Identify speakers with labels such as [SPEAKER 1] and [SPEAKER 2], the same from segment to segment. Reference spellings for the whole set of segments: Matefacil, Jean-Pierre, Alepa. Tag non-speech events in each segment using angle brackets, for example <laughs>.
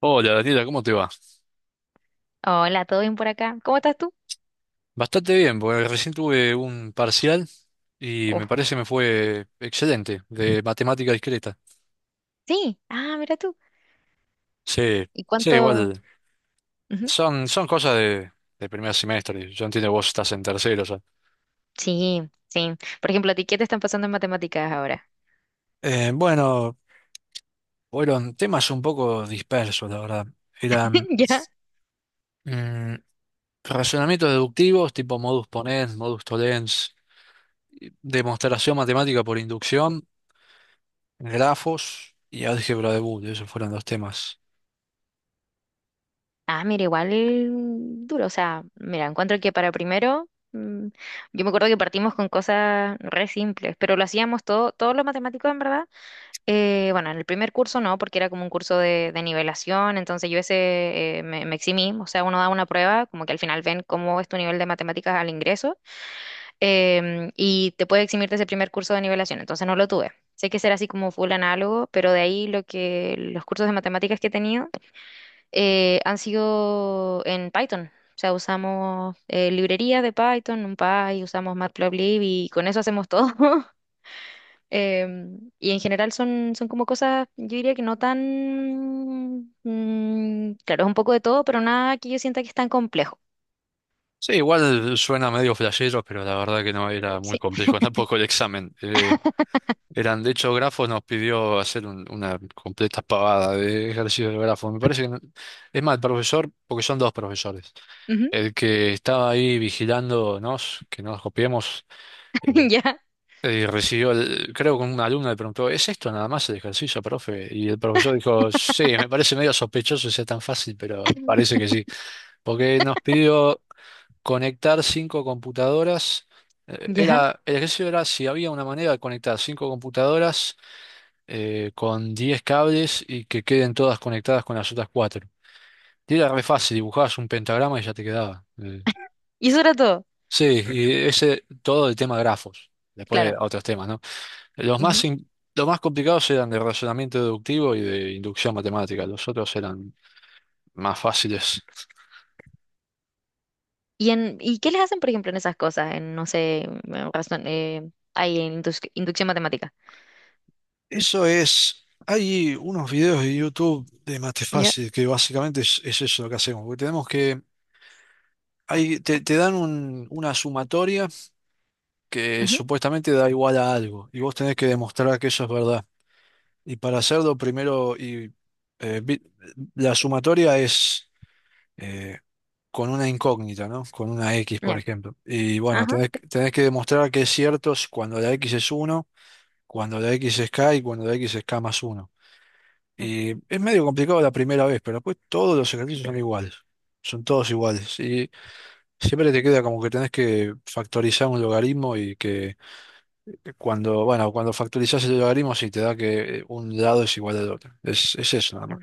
[SPEAKER 1] Hola Daniela, ¿cómo te va?
[SPEAKER 2] Hola, ¿todo bien por acá? ¿Cómo estás tú?
[SPEAKER 1] Bastante bien, porque recién tuve un parcial y
[SPEAKER 2] Oh,
[SPEAKER 1] me parece me fue excelente, de matemática discreta.
[SPEAKER 2] sí, mira tú.
[SPEAKER 1] Sí,
[SPEAKER 2] ¿Y
[SPEAKER 1] sí,
[SPEAKER 2] cuánto?
[SPEAKER 1] igual.
[SPEAKER 2] Ujú.
[SPEAKER 1] Son cosas de primer semestre. Yo entiendo que vos estás en tercero ya.
[SPEAKER 2] Sí, sí. Por ejemplo, ¿a ti qué te están pasando en matemáticas ahora?
[SPEAKER 1] Bueno, fueron temas un poco dispersos, la verdad.
[SPEAKER 2] <laughs>
[SPEAKER 1] Eran
[SPEAKER 2] ¿Ya?
[SPEAKER 1] mm, razonamientos deductivos, tipo modus ponens, modus tollens, y demostración matemática por inducción, grafos y álgebra de Boole. Esos fueron los temas.
[SPEAKER 2] Ah, mira, igual duro. O sea, mira, encuentro que para primero, yo me acuerdo que partimos con cosas re simples, pero lo hacíamos todo, todos los matemáticos en verdad. Bueno, en el primer curso no, porque era como un curso de nivelación, entonces yo ese me eximí. O sea, uno da una prueba, como que al final ven cómo es tu nivel de matemáticas al ingreso. Y te puede eximir de ese primer curso de nivelación, entonces no lo tuve. Sé que será así como full análogo, pero de ahí lo que los cursos de matemáticas que he tenido han sido en Python. O sea, usamos librerías de Python, NumPy, usamos Matplotlib y con eso hacemos todo. <laughs> Y en general son como cosas, yo diría que no tan... claro, es un poco de todo, pero nada que yo sienta que es tan complejo.
[SPEAKER 1] Sí, igual suena medio flashero, pero la verdad que no era muy
[SPEAKER 2] Sí.
[SPEAKER 1] complejo <laughs> tampoco el examen. Eran, de hecho, grafos nos pidió hacer una completa pavada de ejercicios de grafos. Me parece que, es más, el profesor, porque son dos profesores,
[SPEAKER 2] Ujú.
[SPEAKER 1] el que estaba ahí vigilándonos, que no nos copiemos, eh,
[SPEAKER 2] <laughs> Ya,
[SPEAKER 1] recibió, creo que un alumno le preguntó, ¿es esto nada más el ejercicio, profe? Y el profesor dijo, sí, me parece medio sospechoso que sea tan fácil, pero parece que sí, porque nos pidió conectar cinco computadoras.
[SPEAKER 2] ya.
[SPEAKER 1] Era, el ejercicio era si había una manera de conectar cinco computadoras con 10 cables y que queden todas conectadas con las otras cuatro. Y era re fácil, dibujabas un pentagrama y ya te quedaba.
[SPEAKER 2] Y eso era todo.
[SPEAKER 1] Sí, y ese todo el tema grafos. Después
[SPEAKER 2] Claro.
[SPEAKER 1] otros temas, ¿no? Los más, in- los más complicados eran de razonamiento deductivo y de inducción matemática. Los otros eran más fáciles.
[SPEAKER 2] ¿Y qué les hacen, por ejemplo, en esas cosas? En, no sé, en razón, ahí en indus- inducción matemática.
[SPEAKER 1] Eso es, hay unos videos de YouTube de
[SPEAKER 2] Ya,
[SPEAKER 1] Matefacil que básicamente es eso lo que hacemos, porque tenemos que, hay, te dan una sumatoria que
[SPEAKER 2] ujú,
[SPEAKER 1] supuestamente da igual a algo, y vos tenés que demostrar que eso es verdad. Y para hacerlo primero, eh, vi- la sumatoria es eh, con una incógnita, ¿no? Con una X, por
[SPEAKER 2] ya,
[SPEAKER 1] ejemplo. Y bueno,
[SPEAKER 2] ajá.
[SPEAKER 1] tenés que demostrar que es cierto cuando la X es uno, cuando la X es K y cuando la X es K más uno.
[SPEAKER 2] Mm,
[SPEAKER 1] Y es medio complicado la primera vez, pero después todos los ejercicios son iguales. Son todos iguales. Y siempre te queda como que tenés que factorizar un logaritmo y que cuando, bueno, cuando factorizás el logaritmo sí te da que un lado es igual al otro. Es eso nada
[SPEAKER 2] ya.
[SPEAKER 1] más.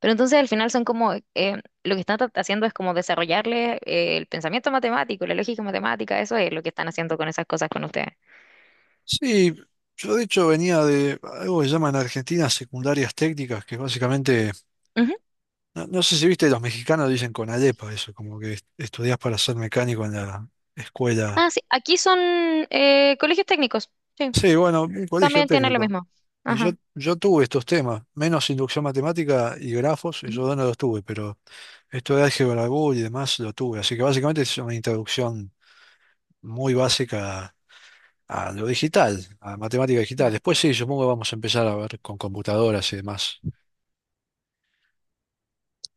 [SPEAKER 2] Pero entonces al final son como, lo que están haciendo es como desarrollarle el pensamiento matemático, la lógica matemática, eso es lo que están haciendo con esas cosas con ustedes.
[SPEAKER 1] Sí, yo de hecho venía de algo que llaman en Argentina secundarias técnicas, que básicamente,
[SPEAKER 2] Ujú.
[SPEAKER 1] no, no sé si viste, los mexicanos dicen con Alepa eso, como que estudiás para ser mecánico en la escuela.
[SPEAKER 2] Ah, sí, aquí son colegios técnicos, sí,
[SPEAKER 1] Sí, bueno, un colegio
[SPEAKER 2] también tienen lo
[SPEAKER 1] técnico.
[SPEAKER 2] mismo.
[SPEAKER 1] Y yo,
[SPEAKER 2] Ajá.
[SPEAKER 1] yo tuve estos temas, menos inducción matemática y grafos, y
[SPEAKER 2] Ujú,
[SPEAKER 1] yo no los tuve, pero esto de álgebra Boole y demás lo tuve. Así que básicamente es una introducción muy básica a lo digital, a matemática digital.
[SPEAKER 2] ya.
[SPEAKER 1] Después sí, supongo que vamos a empezar a ver con computadoras y demás.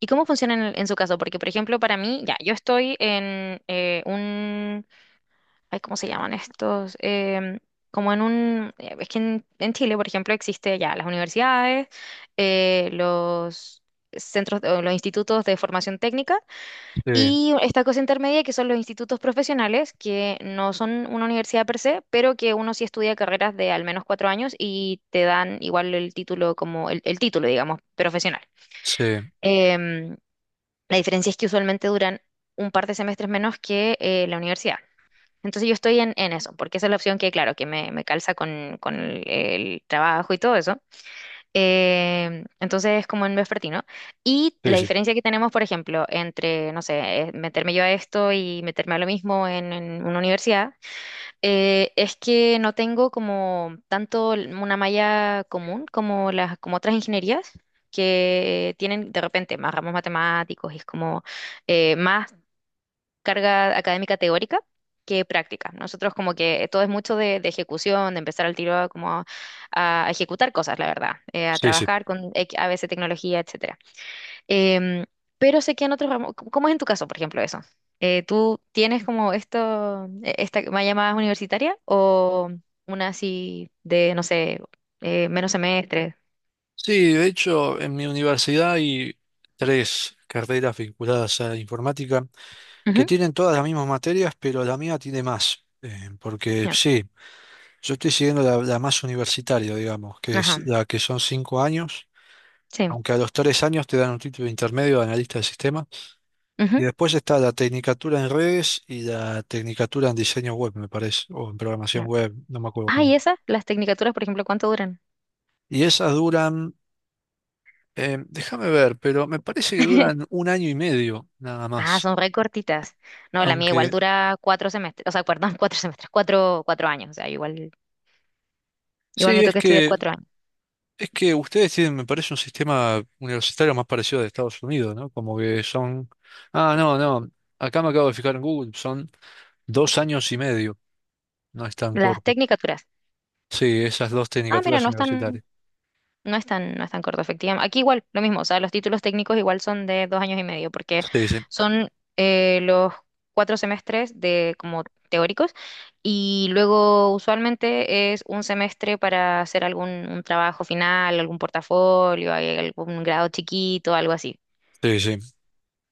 [SPEAKER 2] ¿Y cómo funciona en su caso? Porque, por ejemplo, para mí, ya, yo estoy en ay, ¿cómo se llaman estos? Como en un, es que en Chile, por ejemplo, existe ya las universidades, los centros, o los institutos de formación técnica
[SPEAKER 1] Sí,
[SPEAKER 2] y esta cosa intermedia que son los institutos profesionales, que no son una universidad per se, pero que uno sí estudia carreras de al menos cuatro años y te dan igual el título como el título, digamos, profesional.
[SPEAKER 1] sí,
[SPEAKER 2] Em, la diferencia es que usualmente duran un par de semestres menos que la universidad. Entonces yo estoy en eso, porque esa es la opción que, claro, que me calza con el trabajo y todo eso. Entonces es como en vespertino. Y
[SPEAKER 1] sí,
[SPEAKER 2] la
[SPEAKER 1] sí,
[SPEAKER 2] diferencia que tenemos, por ejemplo, entre, no sé, meterme yo a esto y meterme a lo mismo en una universidad, es que no tengo como tanto una malla común como las, como otras ingenierías. Que tienen de repente más ramos matemáticos y es como más carga académica teórica que práctica. Nosotros como que todo es mucho de ejecución, de empezar al tiro a, como a ejecutar cosas, la verdad, a
[SPEAKER 1] sí, sí.
[SPEAKER 2] trabajar con a veces tecnología, etcétera. Em, pero sé que en otros ramos, ¿cómo es en tu caso, por ejemplo, eso? ¿Tú tienes como esto, esta más llamada universitaria o una así de, no sé, menos semestres?
[SPEAKER 1] Sí, de hecho, en mi universidad hay tres carreras vinculadas a informática que
[SPEAKER 2] Ujú,
[SPEAKER 1] tienen todas las mismas materias, pero la mía tiene más. Porque
[SPEAKER 2] ya.
[SPEAKER 1] sí. Yo estoy siguiendo la más universitaria, digamos, que es
[SPEAKER 2] Ajá,
[SPEAKER 1] la que son 5 años,
[SPEAKER 2] sí.
[SPEAKER 1] aunque a los 3 años te dan un título intermedio de analista de sistemas. Y
[SPEAKER 2] Ujú,
[SPEAKER 1] después está la tecnicatura en redes y la tecnicatura en diseño web, me parece, o en programación
[SPEAKER 2] ya.
[SPEAKER 1] web, no me acuerdo
[SPEAKER 2] Ah,
[SPEAKER 1] cómo.
[SPEAKER 2] ¿y esas? Las tecnicaturas, por ejemplo, ¿cuánto duran?
[SPEAKER 1] Y esas duran, déjame ver, pero me parece que
[SPEAKER 2] <laughs>
[SPEAKER 1] duran un año y medio nada
[SPEAKER 2] Ah,
[SPEAKER 1] más.
[SPEAKER 2] son re cortitas. No, la mía igual
[SPEAKER 1] Aunque
[SPEAKER 2] dura cuatro semestres, o sea, perdón, <laughs> cuatro semestres, cuatro años. O sea, igual, igual
[SPEAKER 1] sí,
[SPEAKER 2] me
[SPEAKER 1] es
[SPEAKER 2] toca estudiar
[SPEAKER 1] que
[SPEAKER 2] cuatro años.
[SPEAKER 1] Es que ustedes tienen, me parece, un sistema universitario más parecido al de Estados Unidos, ¿no? Como que son. Ah, no, no. Acá me acabo de fijar en Google. Son 2 años y medio. No es tan
[SPEAKER 2] Las
[SPEAKER 1] corto.
[SPEAKER 2] tecnicaturas.
[SPEAKER 1] Sí, esas dos
[SPEAKER 2] Ah, mira,
[SPEAKER 1] tecnicaturas universitarias.
[SPEAKER 2] no es tan corto, efectivamente. Aquí igual, lo mismo, o sea, los títulos técnicos igual son de dos años y medio, porque
[SPEAKER 1] Sí, sí,
[SPEAKER 2] son los cuatro semestres de como teóricos, y luego usualmente es un semestre para hacer algún un trabajo final, algún portafolio, hay algún grado chiquito, algo así.
[SPEAKER 1] sí, sí.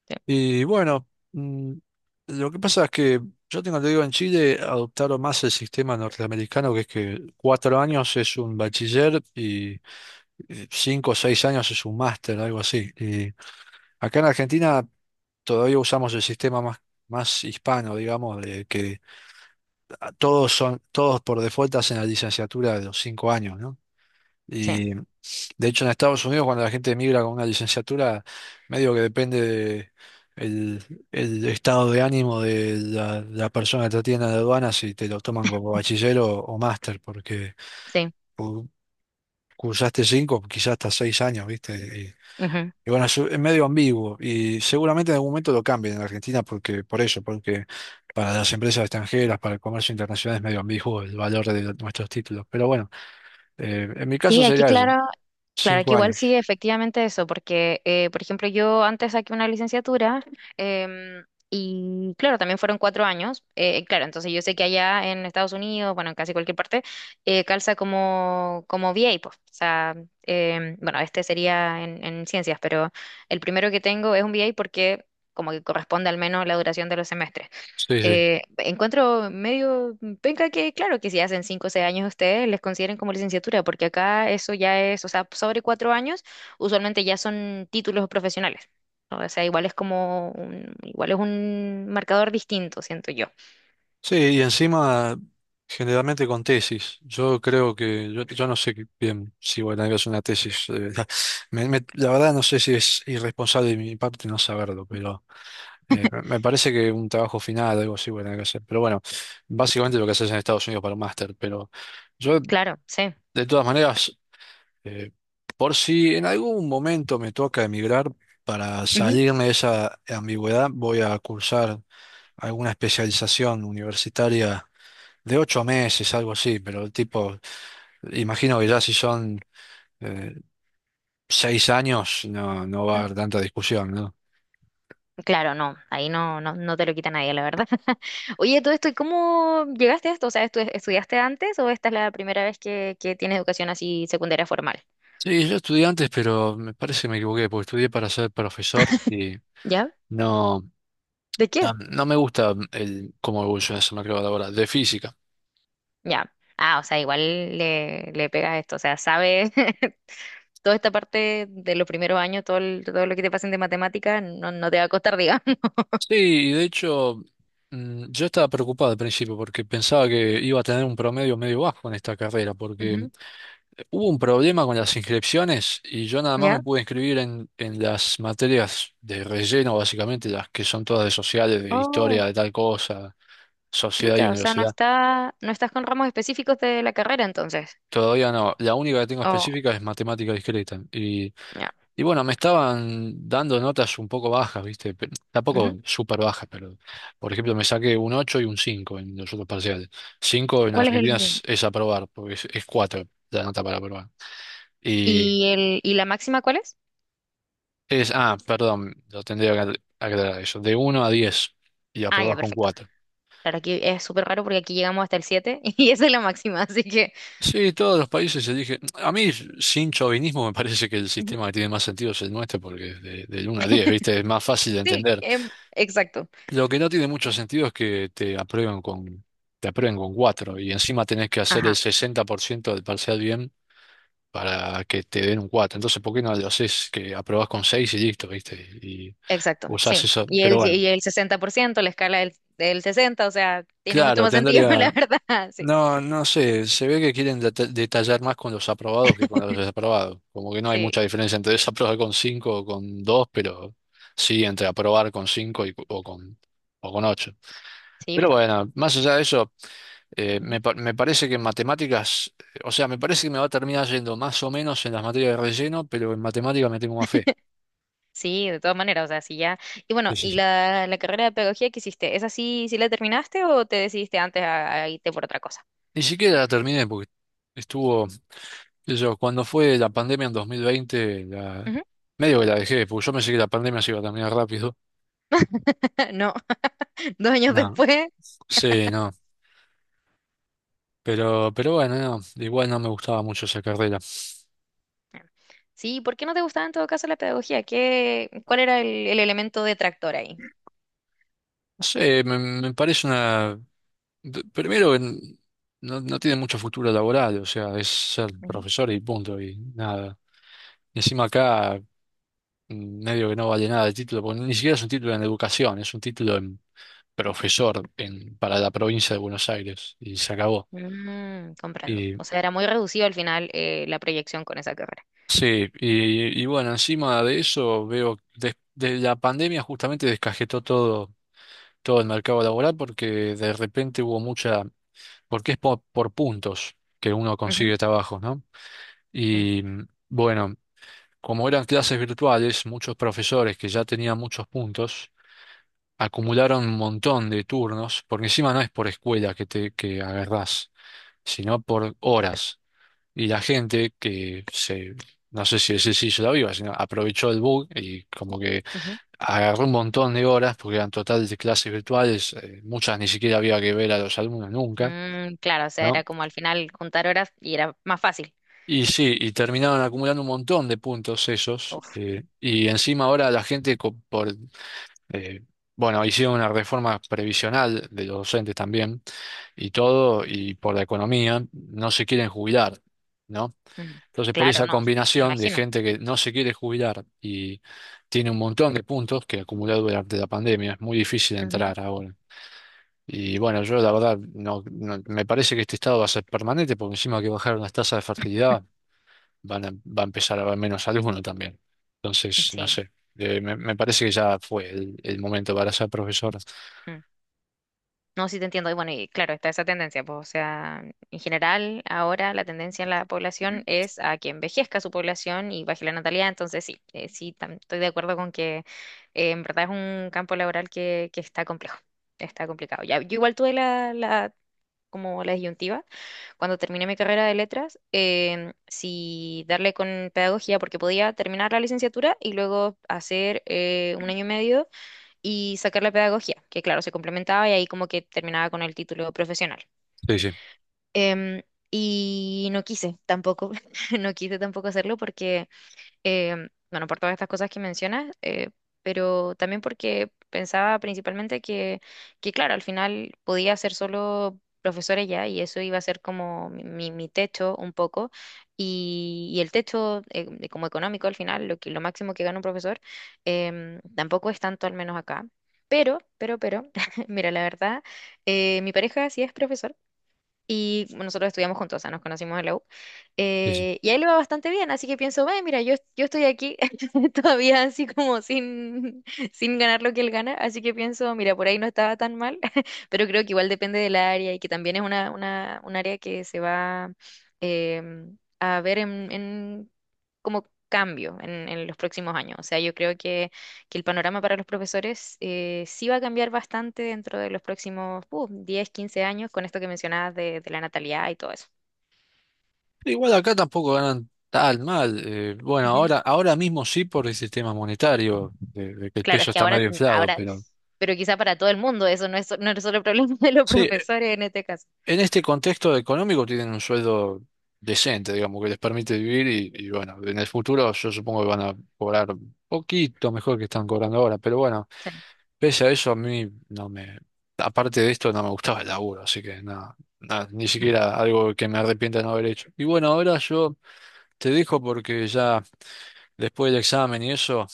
[SPEAKER 2] Sí,
[SPEAKER 1] Y bueno, mm, lo que pasa es que yo tengo, te digo, en Chile adoptaron más el sistema norteamericano, que es que 4 años es un bachiller y 5 o 6 años es un máster, algo así. Y acá en Argentina todavía usamos el sistema más hispano, digamos, de que todos por default hacen la licenciatura de los 5 años, ¿no?
[SPEAKER 2] sí.
[SPEAKER 1] Y de hecho en Estados Unidos cuando la gente emigra con una licenciatura, medio que depende de el estado de ánimo de la persona que te atiende en la aduana, si te lo toman como bachiller o máster, porque
[SPEAKER 2] Sí.
[SPEAKER 1] cu- cursaste 5, quizás hasta 6 años, ¿viste?
[SPEAKER 2] Ujú.
[SPEAKER 1] Y bueno, es medio ambiguo y seguramente en algún momento lo cambien en Argentina porque, por eso, porque para las empresas extranjeras, para el comercio internacional es medio ambiguo el valor de nuestros títulos. Pero bueno, en mi caso
[SPEAKER 2] Sí, aquí
[SPEAKER 1] sería eso,
[SPEAKER 2] claro, claro que
[SPEAKER 1] cinco
[SPEAKER 2] igual
[SPEAKER 1] años.
[SPEAKER 2] sí, efectivamente eso, porque, por ejemplo, yo antes saqué una licenciatura em, y, claro, también fueron cuatro años. Claro, entonces yo sé que allá en Estados Unidos, bueno, en casi cualquier parte, calza como, como VA, pues. O sea, bueno, este sería en ciencias, pero el primero que tengo es un VA porque como que corresponde al menos la duración de los semestres.
[SPEAKER 1] Sí, sí.
[SPEAKER 2] Encuentro medio penca que, claro, que si hacen cinco o seis años ustedes les consideren como licenciatura, porque acá eso ya es, o sea, sobre cuatro años, usualmente ya son títulos profesionales. ¿No? O sea, igual es un marcador distinto, siento yo.
[SPEAKER 1] Sí, y encima generalmente con tesis. Yo creo que, yo no sé bien si voy a tener hacer una tesis. <laughs> La verdad no sé si es irresponsable de mi parte no saberlo, pero me parece que un trabajo final, algo así, voy a tener que hacer. Pero bueno, básicamente lo que haces en Estados Unidos para un máster. Pero yo,
[SPEAKER 2] Claro, sí.
[SPEAKER 1] de todas maneras, eh, por si en algún momento me toca emigrar, para
[SPEAKER 2] Ujú.
[SPEAKER 1] salirme de esa ambigüedad, voy a cursar alguna especialización universitaria de 8 meses, algo así. Pero tipo, imagino que ya si son eh, 6 años, no, no va a haber tanta discusión, ¿no?
[SPEAKER 2] Claro, no, ahí no te lo quita nadie, la verdad. <laughs> Oye, todo esto, ¿y cómo llegaste a esto? O sea, estudiaste antes o esta es la primera vez que tienes educación así secundaria formal?
[SPEAKER 1] Sí, yo estudié antes, pero me parece que me equivoqué, porque estudié para ser profesor y
[SPEAKER 2] ¿Ya?
[SPEAKER 1] no,
[SPEAKER 2] ¿De
[SPEAKER 1] no,
[SPEAKER 2] qué?
[SPEAKER 1] no me gusta el cómo evoluciona ese mercado laboral de física.
[SPEAKER 2] Ya. Ah, o sea, igual le pegas esto, o sea, sabe <laughs> toda esta parte de los primeros años, todo, todo lo que te pasen de matemática, no, no te va a costar, digamos. <laughs>
[SPEAKER 1] Sí, y de hecho, yo estaba preocupado al principio porque pensaba que iba a tener un promedio medio bajo en esta carrera, porque
[SPEAKER 2] Ujú,
[SPEAKER 1] hubo un problema con las inscripciones y yo nada más me
[SPEAKER 2] ¿ya?
[SPEAKER 1] pude inscribir en las materias de relleno, básicamente, las que son todas de sociales, de
[SPEAKER 2] Oh,
[SPEAKER 1] historia, de tal cosa, sociedad y
[SPEAKER 2] chuta, o sea, no
[SPEAKER 1] universidad.
[SPEAKER 2] está, no estás con ramos específicos de la carrera entonces.
[SPEAKER 1] Todavía no. La única que tengo
[SPEAKER 2] Oh,
[SPEAKER 1] específica es matemática discreta. Y,
[SPEAKER 2] ya.
[SPEAKER 1] y bueno, me estaban dando notas un poco bajas, ¿viste?
[SPEAKER 2] Ujú.
[SPEAKER 1] Tampoco súper bajas, pero por ejemplo me saqué un 8 y un 5 en los otros parciales. Cinco en
[SPEAKER 2] ¿Cuál es
[SPEAKER 1] Argentina es, es aprobar, porque es 4 la nota para aprobar. Y
[SPEAKER 2] el, y la máxima cuál es?
[SPEAKER 1] Perdón, lo tendría que aclarar eso. De uno a 10 y
[SPEAKER 2] Ah, ya,
[SPEAKER 1] aprobás con
[SPEAKER 2] perfecto.
[SPEAKER 1] cuatro.
[SPEAKER 2] Claro, aquí es súper raro porque aquí llegamos hasta el 7 <laughs> y esa es la máxima, así que
[SPEAKER 1] Sí, todos los países se dije, a mí sin chauvinismo me parece que el
[SPEAKER 2] ujú.
[SPEAKER 1] sistema que tiene más sentido es el nuestro porque es del 1 a 10,
[SPEAKER 2] <laughs>
[SPEAKER 1] ¿viste? Es más fácil de
[SPEAKER 2] Sí,
[SPEAKER 1] entender.
[SPEAKER 2] exacto.
[SPEAKER 1] Lo que no tiene mucho sentido es que te aprueben con 4 y encima tenés que hacer
[SPEAKER 2] Ajá.
[SPEAKER 1] el 60% del parcial bien para que te den un 4. Entonces, ¿por qué no lo haces que aprobás con 6 y listo, ¿viste? Y
[SPEAKER 2] Exacto,
[SPEAKER 1] usás
[SPEAKER 2] sí.
[SPEAKER 1] eso. Pero bueno,
[SPEAKER 2] Y el 60%, la escala del 60, o sea, tiene mucho
[SPEAKER 1] claro,
[SPEAKER 2] más sentido, <laughs> la
[SPEAKER 1] tendría.
[SPEAKER 2] verdad. Sí,
[SPEAKER 1] No, no sé, se ve que quieren detallar más con los aprobados que con los desaprobados. Como que no hay
[SPEAKER 2] sí,
[SPEAKER 1] mucha diferencia entre <laughs> desaprobar con cinco o con 2, pero sí entre aprobar con 5 o con 8.
[SPEAKER 2] sí,
[SPEAKER 1] Pero
[SPEAKER 2] pues.
[SPEAKER 1] bueno, más allá de eso, eh,
[SPEAKER 2] Ujú.
[SPEAKER 1] me, pa- me parece que en matemáticas, o sea, me parece que me va a terminar yendo más o menos en las materias de relleno, pero en matemáticas me tengo más fe.
[SPEAKER 2] Sí, de todas maneras, o sea, sí ya. Y bueno,
[SPEAKER 1] Sí, sí,
[SPEAKER 2] ¿y
[SPEAKER 1] sí.
[SPEAKER 2] la carrera de pedagogía que hiciste? ¿Esa sí, sí la terminaste o te decidiste antes a irte por otra cosa?
[SPEAKER 1] Ni siquiera la terminé porque estuvo... qué sé yo, cuando fue la pandemia en 2020,
[SPEAKER 2] Ujú.
[SPEAKER 1] medio que la dejé, porque yo pensé que la pandemia se iba a terminar rápido.
[SPEAKER 2] <laughs> No, dos años
[SPEAKER 1] No.
[SPEAKER 2] después.
[SPEAKER 1] Sí, no. Pero bueno, no, igual no me gustaba mucho esa carrera.
[SPEAKER 2] Sí, ¿por qué no te gustaba en todo caso la pedagogía? ¿Qué, cuál era el elemento detractor ahí?
[SPEAKER 1] No sé, me parece una. Primero, no, no tiene mucho futuro laboral, o sea, es ser
[SPEAKER 2] Ujú.
[SPEAKER 1] profesor y punto, y nada. Y encima acá, medio que no vale nada el título, porque ni siquiera es un título en educación, es un título en profesor para la provincia de Buenos Aires, y se acabó.
[SPEAKER 2] Mm, comprendo. O sea, era muy reducido al final la proyección con esa carrera.
[SPEAKER 1] Sí, y bueno, encima de eso veo, la pandemia justamente descajetó todo, el mercado laboral porque de repente hubo mucha, porque es por puntos que uno
[SPEAKER 2] Ujú,
[SPEAKER 1] consigue trabajo, ¿no? Y bueno, como eran clases virtuales, muchos profesores que ya tenían muchos puntos acumularon un montón de turnos, porque encima no es por escuela que agarrás, sino por horas. Y la gente que se, no sé si ese sí hizo la viva, sino aprovechó el bug y como que
[SPEAKER 2] ujú.
[SPEAKER 1] agarró un montón de horas, porque eran total de clases virtuales, muchas ni siquiera había que ver a los alumnos nunca,
[SPEAKER 2] Mm, claro, o sea, era
[SPEAKER 1] ¿no?
[SPEAKER 2] como al final juntar horas y era más fácil.
[SPEAKER 1] Y sí, y terminaron acumulando un montón de puntos esos,
[SPEAKER 2] Uf,
[SPEAKER 1] y encima ahora la gente, eh, bueno, hicieron una reforma previsional de los docentes también, y todo, y por la economía, no se quieren jubilar, ¿no?
[SPEAKER 2] mm,
[SPEAKER 1] Entonces, por
[SPEAKER 2] claro,
[SPEAKER 1] esa
[SPEAKER 2] no, me
[SPEAKER 1] combinación de
[SPEAKER 2] imagino.
[SPEAKER 1] gente que no se quiere jubilar y tiene un montón de puntos que acumuló durante la pandemia, es muy difícil
[SPEAKER 2] Ujú,
[SPEAKER 1] entrar ahora. Y bueno, yo la verdad, me parece que este estado va a ser permanente, porque encima que bajaron las tasas de fertilidad, va a empezar a haber menos alumnos también. Entonces, no
[SPEAKER 2] sí.
[SPEAKER 1] sé, me parece que ya fue el momento para ser profesor.
[SPEAKER 2] Mm. No, sí te entiendo. Y bueno, y claro, está esa tendencia, pues, o sea, en general, ahora la tendencia en la población es a que envejezca su población y baje la natalidad. Entonces, sí, sí, estoy de acuerdo con que en verdad es un campo laboral que está complejo, está complicado. Ya, yo igual tuve como la disyuntiva cuando terminé mi carrera de letras, si darle con pedagogía, porque podía terminar la licenciatura y luego hacer un año y medio y sacar la pedagogía, que claro, se complementaba y ahí como que terminaba con el título profesional.
[SPEAKER 1] Sí, sí,
[SPEAKER 2] Em, y no quise tampoco, <laughs> no quise tampoco hacerlo porque bueno, por todas estas cosas que mencionas, pero también porque pensaba principalmente que, claro, al final podía ser solo profesora ya y eso iba a ser como mi techo un poco y el techo de como económico al final, lo que, lo máximo que gana un profesor, tampoco es tanto al menos acá. Pero, <laughs> mira, la verdad, mi pareja sí es profesor y nosotros estudiamos juntos, o sea, nos conocimos en la U.
[SPEAKER 1] sí, sí.
[SPEAKER 2] Y ahí le va bastante bien, así que pienso, ve, mira, yo estoy aquí <laughs> todavía así como sin, sin ganar lo que él gana, así que pienso, mira, por ahí no estaba tan mal, <laughs> pero creo que igual depende del área y que también es un área que se va a ver en como cambio en los próximos años. O sea, yo creo que el panorama para los profesores sí va a cambiar bastante dentro de los próximos 10, 15 años con esto que mencionabas de la natalidad y todo eso.
[SPEAKER 1] Igual acá tampoco ganan tan mal. Bueno,
[SPEAKER 2] Ujú.
[SPEAKER 1] ahora mismo sí por el sistema monetario, de que el
[SPEAKER 2] Claro, es
[SPEAKER 1] peso
[SPEAKER 2] que
[SPEAKER 1] está
[SPEAKER 2] ahora,
[SPEAKER 1] medio inflado,
[SPEAKER 2] ahora,
[SPEAKER 1] pero
[SPEAKER 2] pero quizá para todo el mundo, eso no es, no es solo problema <laughs> de los
[SPEAKER 1] sí,
[SPEAKER 2] profesores en este caso.
[SPEAKER 1] en este contexto económico tienen un sueldo decente, digamos, que les permite vivir y bueno, en el futuro yo supongo que van a cobrar poquito mejor que están cobrando ahora, pero bueno,
[SPEAKER 2] Sí. <laughs>
[SPEAKER 1] pese a eso a mí no me, aparte de esto no me gustaba el laburo, así que nada, nada, ni siquiera algo que me arrepienta de no haber hecho. Y bueno, ahora yo te dejo porque ya después del examen y eso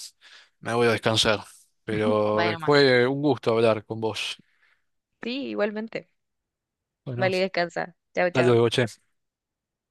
[SPEAKER 1] me voy a descansar. Pero
[SPEAKER 2] Bueno, más.
[SPEAKER 1] fue un gusto hablar con vos.
[SPEAKER 2] Sí, igualmente.
[SPEAKER 1] Bueno,
[SPEAKER 2] Vale, descansa. Chao,
[SPEAKER 1] hasta
[SPEAKER 2] chao.
[SPEAKER 1] luego, che.